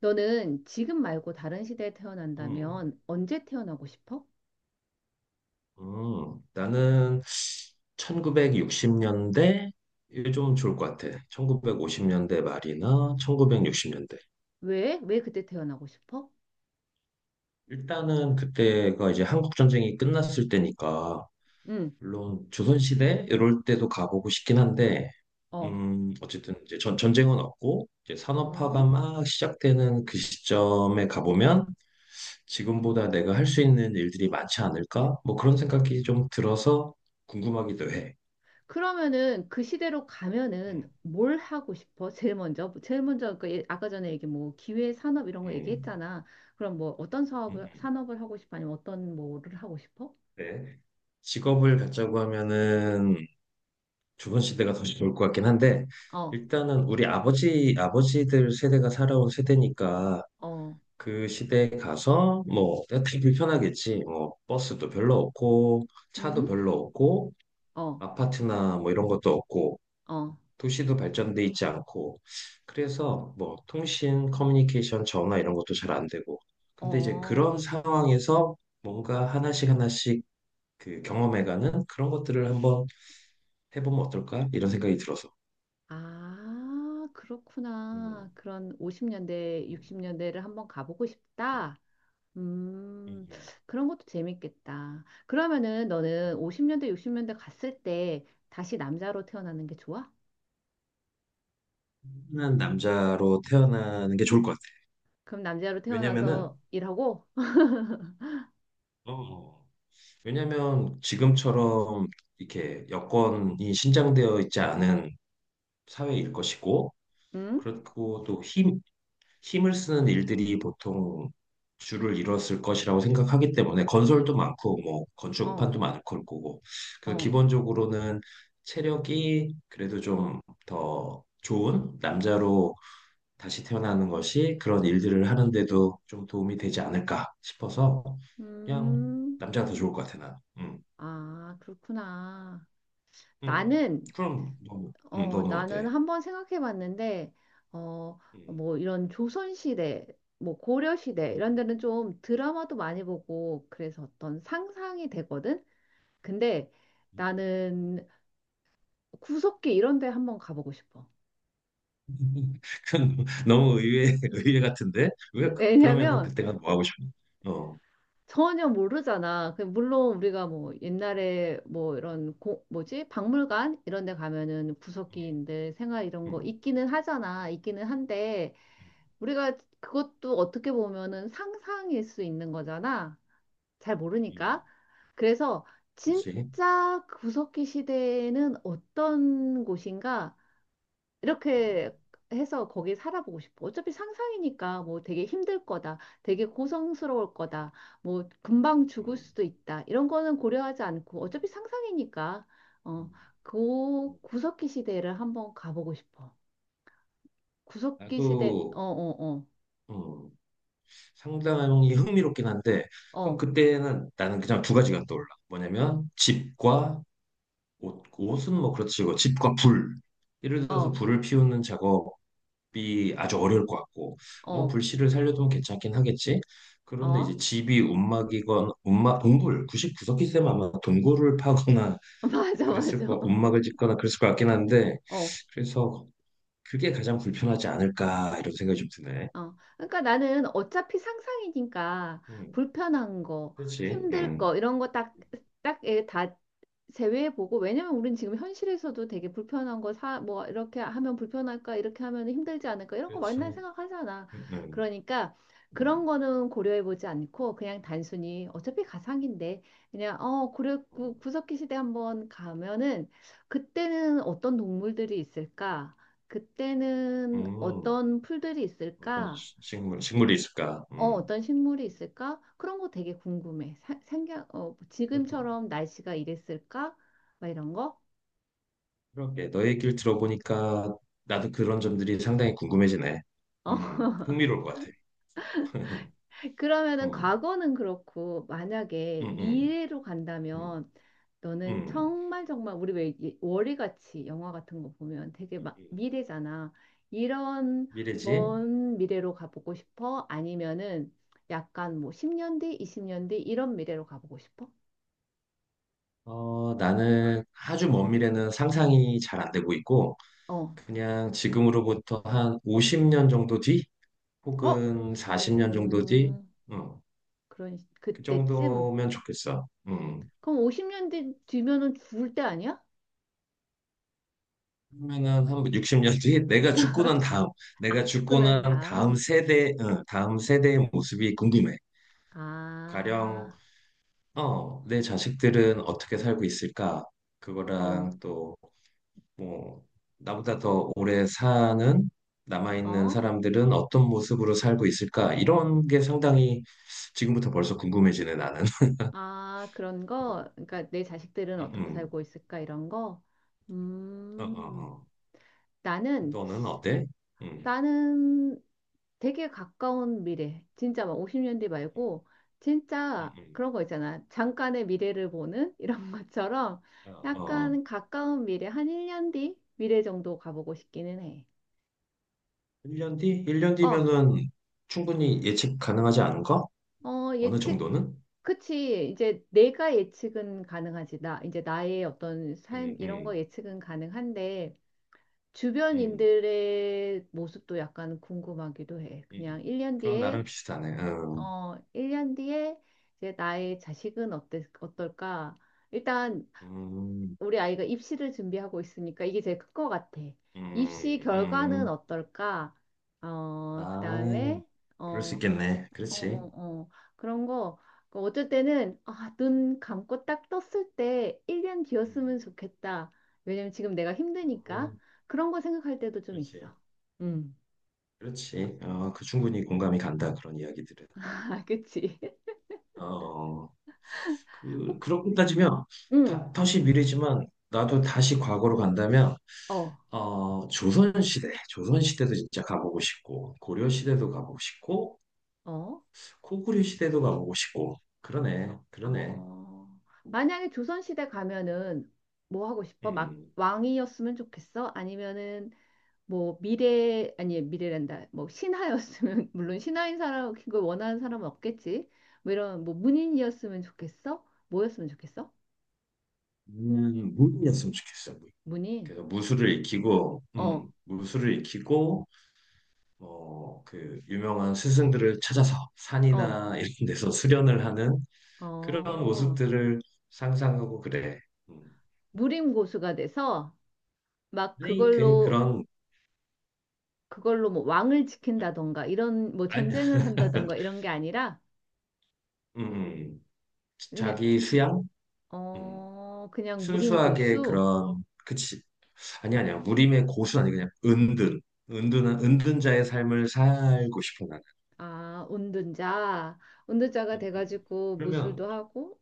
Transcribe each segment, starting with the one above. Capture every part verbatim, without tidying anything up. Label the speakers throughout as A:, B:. A: 너는 지금 말고 다른 시대에
B: 음,
A: 태어난다면 언제 태어나고 싶어?
B: 음, 나는 천구백육십 년대 이게 좀 좋을 것 같아. 천구백오십 년대 말이나 천구백육십 년대.
A: 왜? 왜 그때 태어나고 싶어?
B: 일단은 그때가 이제 한국 전쟁이 끝났을 때니까
A: 응.
B: 물론 조선 시대 이럴 때도 가보고 싶긴 한데
A: 어,
B: 음, 어쨌든 이제 전, 전쟁은 없고 이제 산업화가
A: 어.
B: 막 시작되는 그 시점에 가보면 지금보다 내가 할 수 있는 일들이 많지 않을까? 뭐 그런 생각이 좀 들어서 궁금하기도 해.
A: 그러면은 그 시대로
B: 음.
A: 가면은 뭘 하고 싶어? 제일 먼저, 제일 먼저 그 예- 아까 전에 얘기 뭐 기회 산업 이런 거
B: 음.
A: 얘기했잖아. 그럼 뭐 어떤
B: 음.
A: 사업을
B: 음.
A: 산업을 하고 싶어? 아니면 어떤 뭐를 하고 싶어?
B: 네. 직업을 갖자고 하면은 조선 시대가 더 좋을 것 같긴 한데
A: 어,
B: 일단은 우리 아버지 아버지들 세대가 살아온 세대니까
A: 어,
B: 그 시대에 가서 뭐 되게 불편하겠지. 뭐 버스도 별로 없고 차도
A: 응,
B: 별로 없고
A: 어,
B: 아파트나 뭐 이런 것도 없고
A: 어,
B: 도시도 발전돼 있지 않고 그래서 뭐 통신, 커뮤니케이션, 전화 이런 것도 잘 안 되고 근데 이제
A: 어.
B: 그런 상황에서 뭔가 하나씩 하나씩 그 경험해가는 그런 것들을 한번 해보면 어떨까? 이런 생각이 들어서.
A: 아,
B: 음,
A: 그렇구나. 그런 오십 년대,
B: 음,
A: 육십 년대를 한번 가보고
B: 음,
A: 싶다. 음,
B: 음,
A: 그런 것도 재밌겠다. 그러면은 너는 오십 년대, 육십 년대 갔을 때 다시 남자로 태어나는 게 좋아?
B: 음. 한 남자로 태어나는 게 좋을 것 같아.
A: 그럼 남자로
B: 왜냐면은,
A: 태어나서 일하고?
B: 어, 왜냐면 지금처럼 이렇게 여건이 신장되어 있지 않은 사회일 것이고,
A: 응?
B: 그렇고 또 힘, 힘을 쓰는 일들이 보통 주를 이뤘을 것이라고 생각하기 때문에 건설도 많고 뭐
A: 어,
B: 건축판도 많을 걸 거고 그래서
A: 어.
B: 기본적으로는 체력이 그래도 좀 더 좋은 남자로 다시 태어나는 것이 그런 일들을 하는데도 좀 도움이 되지 않을까 싶어서 그냥
A: 음.
B: 남자가 더 좋을 것 같아 나. 음.
A: 아, 그렇구나.
B: 음.
A: 나는,
B: 그럼 너는 음,
A: 어,
B: 너는
A: 나는
B: 어때?
A: 한번 생각해 봤는데, 어,
B: 음.
A: 뭐 이런 조선시대, 뭐 고려시대 이런 데는 좀 드라마도 많이 보고 그래서 어떤 상상이 되거든? 근데
B: 음.
A: 나는 구석기 이런 데 한번 가보고 싶어.
B: 그건 너무 의외, 의외 같은데? 왜, 그- 그러면은
A: 왜냐면
B: 그때가 뭐 하고 싶어? 어.
A: 전혀 모르잖아. 그 물론 우리가 뭐 옛날에 뭐 이런 고, 뭐지? 박물관 이런 데 가면은
B: 음.
A: 구석기인들 생활 이런 거
B: 음.
A: 있기는 하잖아. 있기는 한데 우리가 그것도 어떻게 보면은 상상일 수 있는 거잖아. 잘
B: 음.
A: 모르니까. 그래서
B: 그렇지.
A: 진짜 그 구석기 시대에는 어떤 곳인가
B: 음.
A: 이렇게 해서 거기 살아보고 싶어. 어차피 상상이니까 뭐 되게 힘들 거다. 되게 고성스러울 거다. 뭐 금방 죽을
B: 음.
A: 수도 있다. 이런 거는 고려하지 않고 어차피 상상이니까, 어,
B: 음.
A: 그
B: 음.
A: 구석기 시대를 한번 가보고 싶어. 구석기
B: 나도,
A: 시대. 어, 어,
B: 음, 상당히 흥미롭긴 한데,
A: 어,
B: 그럼
A: 어,
B: 그때는 나는 그냥 두 가지가 떠올라. 뭐냐면, 집과 옷, 옷은 뭐 그렇지, 뭐 집과 불. 예를 들어서
A: 어.
B: 불을 피우는 작업, 집이 아주 어려울 것 같고 뭐
A: 어.
B: 불씨를 살려두면 괜찮긴 하겠지. 그런데 이제
A: 어?
B: 집이 움막이건 움막 동굴 구석기 쌤 아마 동굴을 파거나
A: 맞아,
B: 그랬을
A: 맞아.
B: 거 움막을 짓거나 그랬을 것 같긴 한데
A: 어,
B: 그래서 그게 가장 불편하지 않을까 이런 생각이 좀 드네.
A: 어. 그러니까 나는 어차피 상상이니까
B: 음,
A: 불편한 거,
B: 그렇지.
A: 힘들
B: 음,
A: 거, 이런 거 딱, 딱, 다 제외해보고. 왜냐면 우린 지금 현실에서도 되게 불편한 거 사 뭐 이렇게 하면 불편할까 이렇게 하면 힘들지 않을까 이런 거
B: 그렇지.
A: 맨날
B: 음.
A: 생각하잖아.
B: 음.
A: 그러니까 그런
B: 음.
A: 거는 고려해보지 않고 그냥 단순히 어차피 가상인데 그냥 어 고려 구,
B: 음.
A: 구석기 시대 한번 가면은 그때는 어떤 동물들이 있을까? 그때는
B: 음,
A: 어떤 풀들이
B: 어떤
A: 있을까?
B: 시- 식물 식물이 있을까?
A: 어,
B: 음.
A: 어떤 식물이 있을까? 그런 거 되게 궁금해. 사, 생각, 어, 지금처럼 날씨가 이랬을까? 막 이런 거?
B: 그러게 너의 얘기를 들어보니까 나도 그런 점들이 상당히 궁금해지네.
A: 어.
B: 음, 흥미로울 것 같아. 음.
A: 그러면은
B: 음.
A: 과거는 그렇고 만약에
B: 음. 음.
A: 미래로 간다면 너는
B: 음.
A: 정말 정말 우리 왜 이- 월요같이 영화 같은 거 보면 되게 막 미래잖아. 이런
B: 미래지?
A: 먼 미래로 가보고 싶어? 아니면은 약간 뭐 십 년 뒤, 이십 년 뒤 이런 미래로 가보고 싶어?
B: 어, 나는 아주 먼 미래는 상상이 잘 안 되고 있고,
A: 어.
B: 그냥 지금으로부터 한 오십 년 정도 뒤?
A: 어?
B: 혹은 사십 년 정도 뒤?
A: 음...
B: 음,
A: 그런 시-
B: 그
A: 그때쯤.
B: 정도면 좋겠어. 음.
A: 그럼 오십 년 뒤 뒤면은 죽을 때 아니야?
B: 그러면은 한 육십 년 뒤에 내가 죽고 난 다음, 내가
A: 아, 죽고
B: 죽고
A: 난
B: 난 다음
A: 다음.
B: 세대, 응, 다음 세대의 모습이 궁금해. 가령,
A: 아.
B: 어, 내 자식들은 어떻게 살고 있을까?
A: 어.
B: 그거랑 또, 뭐, 나보다 더 오래 사는 남아있는
A: 어?
B: 사람들은 어떤 모습으로 살고 있을까? 이런 게 상당히 지금부터 벌써 궁금해지네, 나는.
A: 아, 그런
B: 음.
A: 거? 그러니까 내 자식들은
B: 음.
A: 어떻게
B: 음.
A: 살고 있을까? 이런 거?
B: 어. 어.
A: 음,
B: 어.
A: 나는,
B: 너는 어때? 음.
A: 나는 되게 가까운 미래. 진짜 막 오십 년 뒤 말고,
B: 음.
A: 진짜
B: 음.
A: 그런 거 있잖아. 잠깐의 미래를 보는 이런 것처럼
B: 어. 어.
A: 약간 가까운 미래, 한 일 년 뒤 미래 정도 가보고 싶기는 해.
B: 일 년 뒤? 일 년
A: 어,
B: 뒤면은 충분히 예측 가능하지 않은가?
A: 어,
B: 어느
A: 예측,
B: 정도는?
A: 그치. 이제 내가 예측은 가능하지. 나, 이제 나의 어떤 삶,
B: 음,
A: 이런 거
B: 음,
A: 예측은 가능한데,
B: 음.
A: 주변인들의 모습도 약간 궁금하기도 해. 그냥
B: 이-
A: 일 년
B: 그건
A: 뒤에,
B: 나름 비슷하네. 음.
A: 어, 일 년 뒤에 이제 나의 자식은 어때, 어떨까? 일단
B: 음.
A: 우리 아이가 입시를 준비하고 있으니까 이게 제일 큰 것 같아. 입시
B: 음.
A: 결과는
B: 음.
A: 어떨까? 어,
B: 아,
A: 그다음에,
B: 그럴 수
A: 어,
B: 있겠네.
A: 어,
B: 그렇지.
A: 어, 어. 그런 거, 그 어쩔 때는, 아, 눈 감고 딱 떴을 때 일 년
B: 음,
A: 뒤였으면 좋겠다. 왜냐면 지금 내가 힘드니까.
B: 음,
A: 그런 거 생각할 때도 좀
B: 그렇지.
A: 있어. 응.
B: 그렇지. 어, 그 충분히 공감이 간다. 그런 이야기들은. 음,
A: 아, 그치?
B: 어. 그,
A: 혹-
B: 그렇게 따지면 다,
A: 응.
B: 다시 미래지만 나도 다시 과거로 간다면
A: 어,
B: 어, 조선시대, 조선시대도 진짜 가보고 싶고 고려시대도 가보고 싶고
A: 어,
B: 코구리 시대도 가보고 싶고 그러네, 그러네.
A: 어. 만약에 조선시대 가면은 뭐 하고 싶어? 막
B: 음,
A: 왕이었으면 좋겠어? 아니면은 뭐 미래 아니 미래란다 뭐 신하였으면, 물론 신하인 사람 그걸 원하는 사람은 없겠지. 뭐 이런 뭐 문인이었으면 좋겠어? 뭐였으면 좋겠어?
B: 음, 무인이었으면 좋겠어. 무인.
A: 문인.
B: 그래서 무술을 익히고, 음,
A: 어어어.
B: 무술을 익히고, 어, 그 유명한 스승들을 찾아서 산이나 이런 데서 수련을 하는 그런 모습들을 상상하고 그래. 음.
A: 무림 고수가 돼서 막
B: 아, 그,
A: 그걸로,
B: 그런,
A: 그걸로 뭐 왕을 지킨다던가 이런 뭐
B: 아니.
A: 전쟁을 한다던가 이런 게 아니라
B: 음,
A: 그냥.
B: 자기 수양? 음,
A: 어, 그냥 무림
B: 순수하게
A: 고수.
B: 그런, 그치. 아니, 아니야. 무림의 고수 아니, 그냥 은둔. 은둔한, 은둔자의 삶을 살고 싶어, 나는.
A: 아, 운둔자. 운둔자가
B: 음. 음.
A: 돼가지고
B: 그러면,
A: 무술도 하고.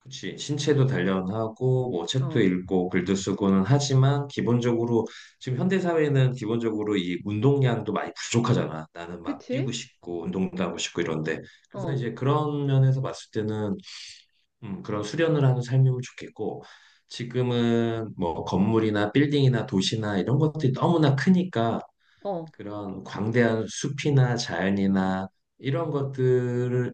B: 그치. 신체도 단련하고, 뭐,
A: 응어.
B: 책도 읽고, 글도 쓰고는 하지만, 기본적으로, 지금 현대사회는 기본적으로 이 운동량도 많이 부족하잖아. 나는 막 뛰고
A: 그치.
B: 싶고, 운동도 하고 싶고 이런데. 그래서
A: 어.
B: 이제 그런 면에서 봤을 때는, 음, 그런 수련을 하는 삶이면 좋겠고, 지금은 뭐 건물이나 빌딩이나 도시나 이런 것들이 너무나 크니까
A: 어,
B: 그런 광대한 숲이나 자연이나 이런 것들을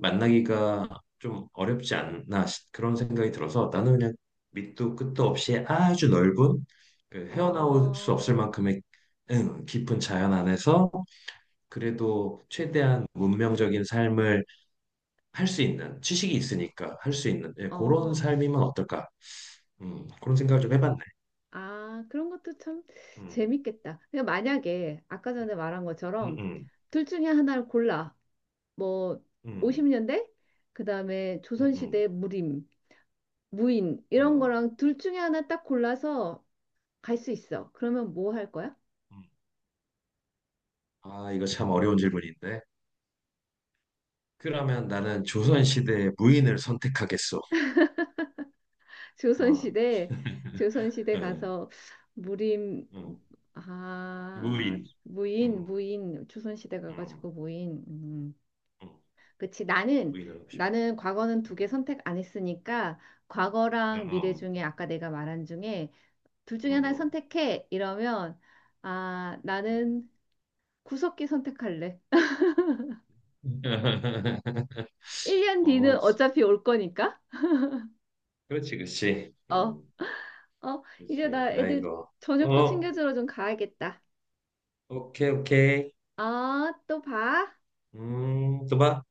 B: 만나기가 좀 어렵지 않나 시- 그런 생각이 들어서 나는 그냥 밑도 끝도 없이 아주 넓은 그 헤어나올
A: 어,
B: 수 없을 만큼의 음, 깊은 자연 안에서 그래도 최대한 문명적인 삶을 할 수 있는 지식이 있으니까 할 수 있는 예, 그런
A: 어.
B: 삶이면 어떨까? 음, 그런 생각을 좀 해봤네.
A: 아, 그런 것도 참
B: 음,
A: 재밌겠다. 그냥 만약에 아까 전에 말한
B: 음,
A: 것처럼
B: 음,
A: 둘 중에 하나를 골라. 뭐
B: 음,
A: 오십 년대, 그다음에
B: 음, 음.
A: 조선시대 무림, 무인 이런
B: 어,
A: 거랑 둘 중에 하나 딱 골라서 갈 수 있어. 그러면 뭐 할 거야?
B: 음. 아, 이거 참 어려운 질문인데. 그러면 나는 조선시대의 무인을 선택하겠어. 어,
A: 조선시대, 조선시대
B: 응,
A: 가서 무림,
B: 응.
A: 아,
B: 무인.
A: 무인,
B: 응,
A: 무인, 조선시대
B: 응,
A: 가가지고 무인. 음.
B: 응.
A: 그치. 나는,
B: 무인을 하고 싶어.
A: 나는 과거는 두 개 선택 안 했으니까
B: 응,
A: 과거랑 미래
B: 응,
A: 중에 아까 내가 말한 중에 둘 중에 하나
B: 응,
A: 선택해. 이러면, 아,
B: 응. 응.
A: 나는 구석기 선택할래. 일 년 뒤는
B: 어,
A: 어차피 올 거니까.
B: 그렇지, 그렇지.
A: 어,
B: 응.
A: 어, 이제
B: 그렇지.
A: 나 애들
B: 아이고.
A: 저녁도
B: 어,
A: 챙겨주러 좀 가야겠다.
B: 오케이 오케이.
A: 아, 또 봐.
B: 음 뭐야?